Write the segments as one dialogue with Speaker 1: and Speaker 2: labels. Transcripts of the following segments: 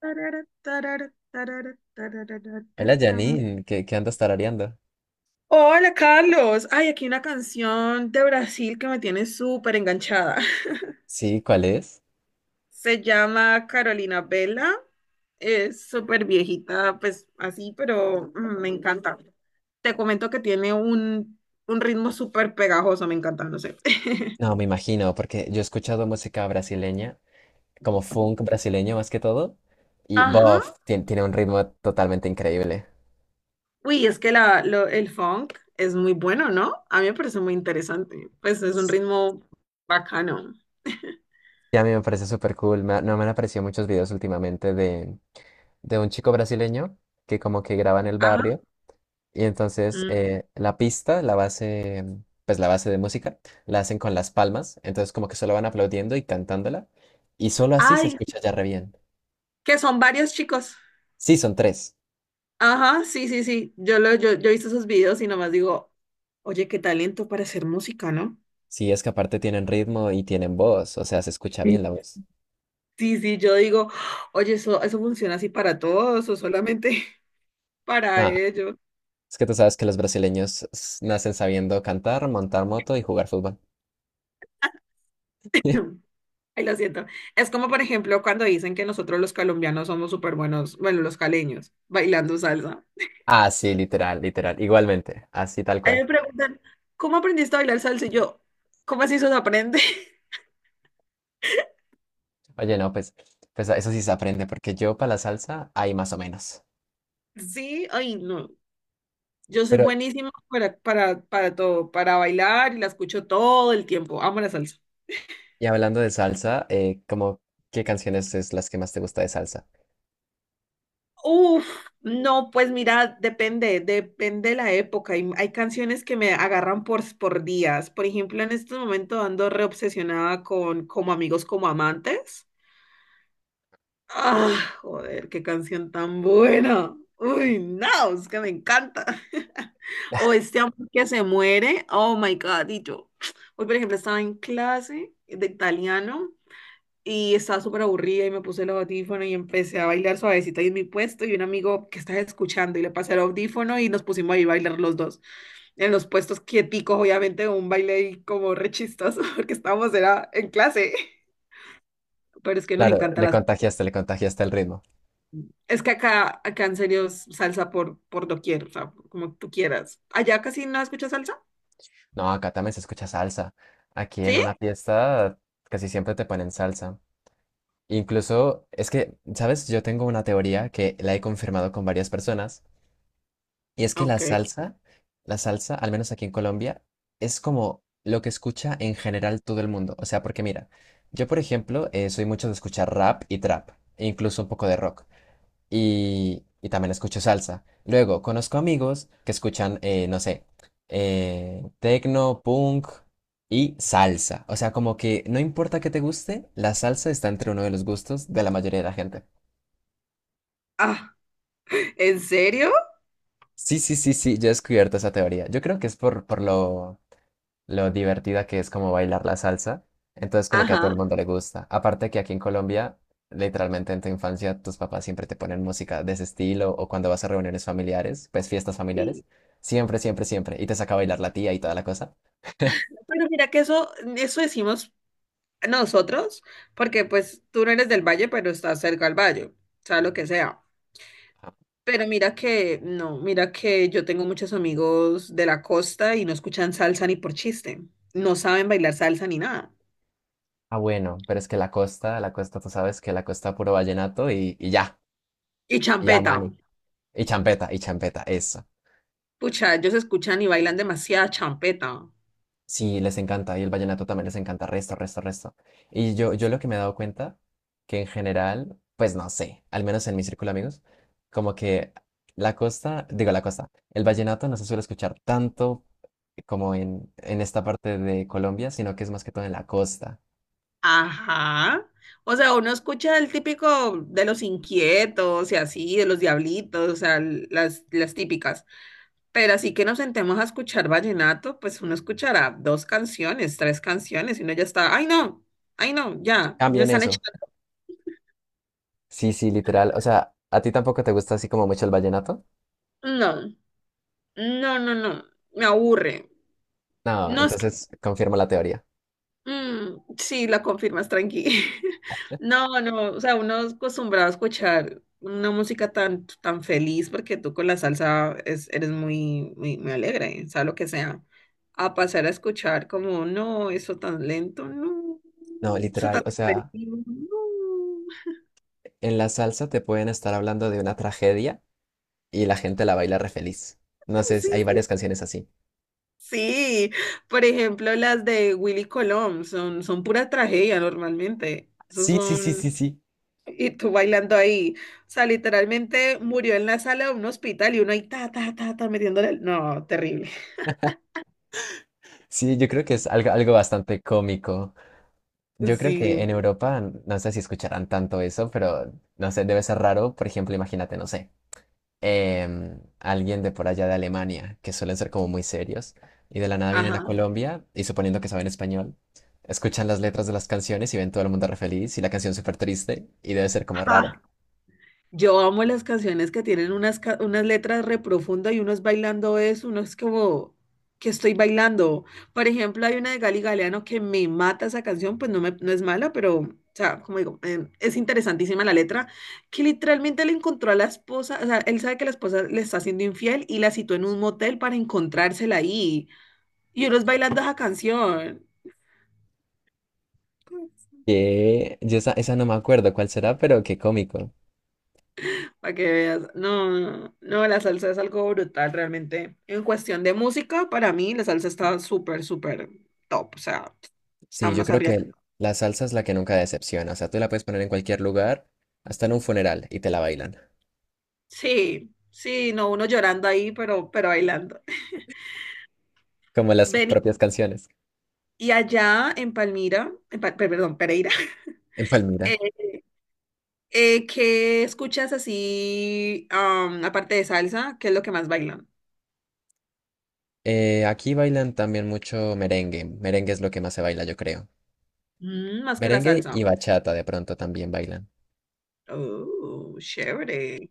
Speaker 1: Tarara, tarara, tarara, tarara,
Speaker 2: Hola
Speaker 1: tarara.
Speaker 2: Janine, ¿qué andas tarareando?
Speaker 1: Hola Carlos, ay, aquí una canción de Brasil que me tiene súper enganchada.
Speaker 2: Sí, ¿cuál es?
Speaker 1: Se llama Carolina Vela, es súper viejita, pues así, pero me encanta. Te comento que tiene un ritmo súper pegajoso, me encanta, no sé.
Speaker 2: No, me imagino, porque yo he escuchado música brasileña, como funk brasileño más que todo, y
Speaker 1: Ajá.
Speaker 2: bof, tiene un ritmo totalmente increíble.
Speaker 1: Uy, es que el funk es muy bueno, ¿no? A mí me parece muy interesante, pues es un ritmo bacano.
Speaker 2: Y a mí me parece súper cool, no me han aparecido muchos videos últimamente de un chico brasileño que como que graba en el barrio, y entonces
Speaker 1: Mm.
Speaker 2: la pista, la base, pues la base de música, la hacen con las palmas, entonces como que solo van aplaudiendo y cantándola, y solo así se
Speaker 1: Ay,
Speaker 2: escucha ya re bien.
Speaker 1: que son varios chicos.
Speaker 2: Sí, son tres.
Speaker 1: Ajá, sí, sí, sí. Yo he visto esos videos y nomás digo, oye, qué talento para hacer música, ¿no?
Speaker 2: Sí, es que aparte tienen ritmo y tienen voz, o sea, se escucha
Speaker 1: Sí.
Speaker 2: bien la voz.
Speaker 1: Sí, sí, yo digo, oye, eso funciona así para todos o solamente para
Speaker 2: Nada,
Speaker 1: ellos.
Speaker 2: es que tú sabes que los brasileños nacen sabiendo cantar, montar moto y jugar fútbol.
Speaker 1: Ay, lo siento. Es como, por ejemplo, cuando dicen que nosotros los colombianos somos súper buenos, bueno, los caleños, bailando salsa.
Speaker 2: Ah, sí, literal, literal, igualmente, así tal
Speaker 1: A mí
Speaker 2: cual.
Speaker 1: me preguntan, ¿cómo aprendiste a bailar salsa? Y yo, ¿cómo así se aprende?
Speaker 2: Oye, no, pues eso sí se aprende, porque yo para la salsa hay más o menos.
Speaker 1: Sí, ay, no. Yo soy
Speaker 2: Pero,
Speaker 1: buenísima para todo, para bailar y la escucho todo el tiempo. Amo la salsa.
Speaker 2: y hablando de salsa, como, ¿qué canciones es las que más te gusta de salsa?
Speaker 1: Uf, no, pues mira, depende de la época. Hay canciones que me agarran por días. Por ejemplo, en este momento ando reobsesionada con Como amigos, como amantes. Ah, joder, qué canción tan buena. Uy, no, es que me encanta. O este amor que se muere. Oh my God, y yo. Hoy, por ejemplo, estaba en clase de italiano y estaba súper aburrida y me puse el audífono y empecé a bailar suavecita en mi puesto y un amigo que estaba escuchando y le pasé el audífono y nos pusimos ahí a bailar los dos en los puestos quieticos, obviamente un baile ahí como re chistoso porque estábamos era en clase, pero es que nos
Speaker 2: Claro,
Speaker 1: encanta la
Speaker 2: le contagiaste el ritmo.
Speaker 1: es que acá en serio es salsa por doquier, o sea, como tú quieras. ¿Allá casi no escuchas salsa?
Speaker 2: No, acá también se escucha salsa. Aquí en
Speaker 1: ¿Sí?
Speaker 2: una fiesta casi siempre te ponen salsa. Incluso, es que, ¿sabes? Yo tengo una teoría que la he confirmado con varias personas, y es que la
Speaker 1: Ok.
Speaker 2: salsa, la salsa, al menos aquí en Colombia, es como lo que escucha en general todo el mundo. O sea, porque mira, yo por ejemplo, soy mucho de escuchar rap y trap, e incluso un poco de rock y también escucho salsa. Luego, conozco amigos que escuchan, no sé, tecno, punk y salsa. O sea, como que no importa qué te guste, la salsa está entre uno de los gustos de la mayoría de la gente.
Speaker 1: Ah, ¿en serio?
Speaker 2: Sí, sí, sí, sí, yo he descubierto esa teoría. Yo creo que es por lo, divertida que es como bailar la salsa. Entonces como que a todo
Speaker 1: Ajá.
Speaker 2: el mundo le gusta. Aparte que aquí en Colombia, literalmente en tu infancia, tus papás siempre te ponen música de ese estilo o cuando vas a reuniones familiares, pues fiestas
Speaker 1: Sí.
Speaker 2: familiares. Siempre, siempre, siempre. Y te saca a bailar la tía y toda la cosa.
Speaker 1: Pero mira que eso decimos nosotros, porque pues tú no eres del valle, pero estás cerca al valle, o sea, lo que sea. Pero mira que, no, mira que yo tengo muchos amigos de la costa y no escuchan salsa ni por chiste, no saben bailar salsa ni nada.
Speaker 2: Ah, bueno, pero es que la costa, tú sabes que la costa puro vallenato y ya,
Speaker 1: Y
Speaker 2: y ya,
Speaker 1: champeta,
Speaker 2: mani. Y champeta, eso.
Speaker 1: pucha, ellos escuchan y bailan demasiada champeta.
Speaker 2: Sí, les encanta, y el vallenato también les encanta, resto, resto, resto. Y yo lo que me he dado cuenta, que en general, pues no sé, al menos en mi círculo de amigos, como que la costa, digo la costa, el vallenato no se suele escuchar tanto como en esta parte de Colombia, sino que es más que todo en la costa.
Speaker 1: Ajá. O sea, uno escucha el típico de los inquietos y así, de los diablitos, o sea, las típicas. Pero así que nos sentemos a escuchar vallenato, pues uno escuchará dos canciones, tres canciones, y uno ya está, ay no, ya, me
Speaker 2: Cambien
Speaker 1: están
Speaker 2: eso.
Speaker 1: echando.
Speaker 2: Sí, sí, literal. O sea, ¿a ti tampoco te gusta así como mucho el vallenato?
Speaker 1: No, no, no, no, me aburre.
Speaker 2: No,
Speaker 1: No es que
Speaker 2: entonces confirmo la teoría.
Speaker 1: Sí, la confirmas, tranqui. No, no, o sea, uno es acostumbrado a escuchar una música tan feliz porque tú con la salsa es, eres muy, muy, muy alegre, sea lo que sea. A pasar a escuchar como, no, eso tan lento, no,
Speaker 2: No,
Speaker 1: eso
Speaker 2: literal,
Speaker 1: tan
Speaker 2: o sea,
Speaker 1: depresivo, no.
Speaker 2: en la salsa te pueden estar hablando de una tragedia y la gente la baila re feliz. No
Speaker 1: Ay,
Speaker 2: sé,
Speaker 1: sí,
Speaker 2: hay
Speaker 1: sí.
Speaker 2: varias canciones así.
Speaker 1: Sí, por ejemplo, las de Willy Colón son pura tragedia normalmente. Esos
Speaker 2: Sí, sí, sí,
Speaker 1: son.
Speaker 2: sí, sí.
Speaker 1: Y tú bailando ahí. O sea, literalmente murió en la sala de un hospital y uno ahí ta, ta, ta, ta, metiéndole. No, terrible.
Speaker 2: Sí, yo creo que es algo, algo bastante cómico. Yo creo que
Speaker 1: Sí.
Speaker 2: en Europa, no sé si escucharán tanto eso, pero no sé, debe ser raro. Por ejemplo, imagínate, no sé, alguien de por allá de Alemania, que suelen ser como muy serios, y de la nada vienen a
Speaker 1: Ajá.
Speaker 2: Colombia, y suponiendo que saben español, escuchan las letras de las canciones y ven todo el mundo re feliz y la canción súper triste, y debe ser como raro.
Speaker 1: Ajá. Yo amo las canciones que tienen unas letras re profundas y uno es bailando eso, uno es como que estoy bailando. Por ejemplo, hay una de Gali Galeano que me mata esa canción, pues no, no es mala, pero, o sea, como digo, es interesantísima la letra, que literalmente le encontró a la esposa, o sea, él sabe que la esposa le está haciendo infiel y la citó en un motel para encontrársela ahí. Y uno es bailando esa canción.
Speaker 2: Que yo esa no me acuerdo cuál será, pero qué cómico.
Speaker 1: Para que veas, no, no, no, la salsa es algo brutal realmente. En cuestión de música, para mí la salsa está súper, súper top, o sea, está
Speaker 2: Sí, yo
Speaker 1: más
Speaker 2: creo
Speaker 1: arriba.
Speaker 2: que la salsa es la que nunca decepciona. O sea, tú la puedes poner en cualquier lugar, hasta en un funeral, y te la bailan.
Speaker 1: Sí, sí, no, uno llorando ahí, pero bailando.
Speaker 2: Como las
Speaker 1: Vení,
Speaker 2: propias canciones.
Speaker 1: y allá en Palmira, en perdón, Pereira,
Speaker 2: En Palmira.
Speaker 1: eh, ¿qué escuchas así, aparte de salsa? ¿Qué es lo que más bailan?
Speaker 2: Aquí bailan también mucho merengue. Merengue es lo que más se baila, yo creo.
Speaker 1: Mm, más que la
Speaker 2: Merengue
Speaker 1: salsa.
Speaker 2: y bachata de pronto también bailan.
Speaker 1: Oh, chévere.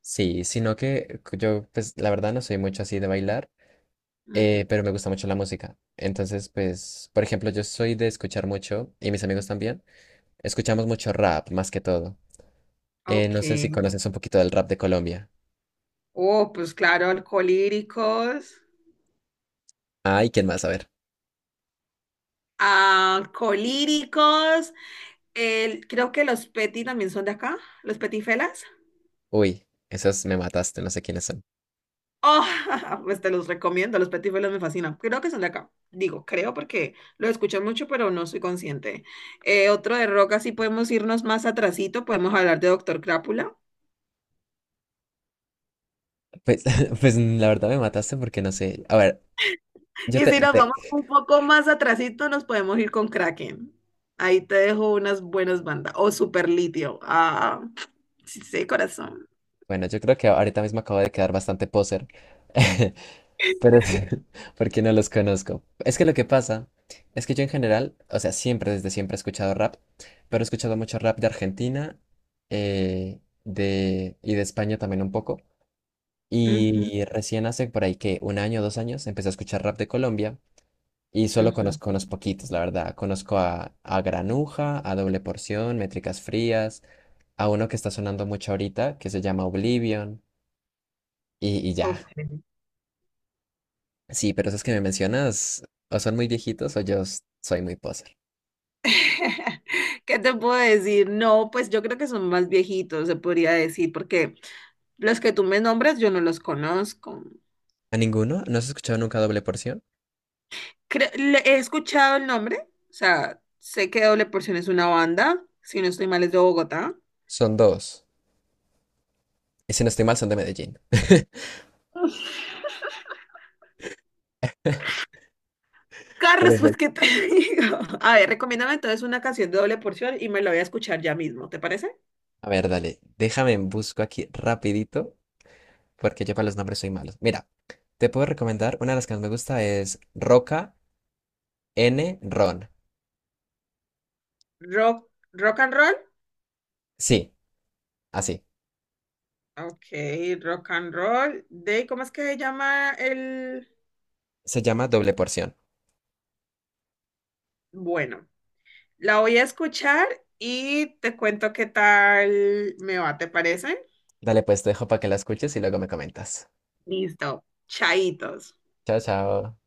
Speaker 2: Sí, sino que yo, pues, la verdad no soy mucho así de bailar,
Speaker 1: Ujú,
Speaker 2: pero me gusta mucho la música. Entonces, pues, por ejemplo, yo soy de escuchar mucho, y mis amigos también, escuchamos mucho rap, más que todo.
Speaker 1: ok.
Speaker 2: No sé si conoces un poquito del rap de Colombia.
Speaker 1: Oh, pues claro, alcohólicos.
Speaker 2: Ay, ¿quién más? A ver.
Speaker 1: Alcohólicos. Creo que los Petit también son de acá, los Petifelas.
Speaker 2: Uy, esos me mataste, no sé quiénes son.
Speaker 1: Oh, pues te los recomiendo, los Petifelas me fascinan. Creo que son de acá. Digo, creo porque lo escucho mucho, pero no soy consciente. Otro de rock, así podemos irnos más atrasito, podemos hablar de Doctor Crápula.
Speaker 2: Pues, pues la verdad me mataste porque no sé. A ver, yo
Speaker 1: Y
Speaker 2: te,
Speaker 1: si nos
Speaker 2: te-
Speaker 1: vamos un poco más atrasito, nos podemos ir con Kraken. Ahí te dejo unas buenas bandas. O Super Litio. Ah, sí, sí, corazón.
Speaker 2: Bueno, yo creo que ahorita mismo acabo de quedar bastante poser. Pero es porque no los conozco. Es que lo que pasa es que yo en general, o sea, siempre, desde siempre he escuchado rap, pero he escuchado mucho rap de Argentina y de España también un poco.
Speaker 1: Ujú.
Speaker 2: Y recién hace por ahí que un año, 2 años, empecé a escuchar rap de Colombia. Y solo
Speaker 1: Ujú,
Speaker 2: conozco unos poquitos, la verdad. Conozco a, Granuja, a Doble Porción, Métricas Frías, a uno que está sonando mucho ahorita, que se llama Oblivion, y
Speaker 1: ok.
Speaker 2: ya. Sí, pero esos que me mencionas, o son muy viejitos o yo soy muy poser.
Speaker 1: ¿Qué te puedo decir? No, pues yo creo que son más viejitos, se podría decir, porque los que tú me nombras yo no los conozco.
Speaker 2: ¿A ninguno? ¿No has escuchado nunca Doble Porción?
Speaker 1: He escuchado el nombre, o sea, sé que Doble Porción es una banda, si no estoy mal es de Bogotá.
Speaker 2: Son dos. Y si no estoy mal, son de Medellín.
Speaker 1: Carlos, pues,
Speaker 2: Perfecto.
Speaker 1: ¿qué te digo? A ver, recomiéndame entonces una canción de Doble Porción y me la voy a escuchar ya mismo, ¿te parece?
Speaker 2: A ver, dale, déjame en busco aquí rapidito, porque yo para los nombres soy malo. Mira, te puedo recomendar, una de las que más me gusta es Roca N. Ron.
Speaker 1: Rock, rock and roll.
Speaker 2: Sí, así.
Speaker 1: Ok, rock and roll. De, ¿cómo es que se llama el...?
Speaker 2: Se llama Doble Porción.
Speaker 1: Bueno. La voy a escuchar y te cuento qué tal me va, ¿te parece?
Speaker 2: Dale, pues te dejo para que la escuches y luego me comentas.
Speaker 1: Listo, chaitos.
Speaker 2: Chao, chao.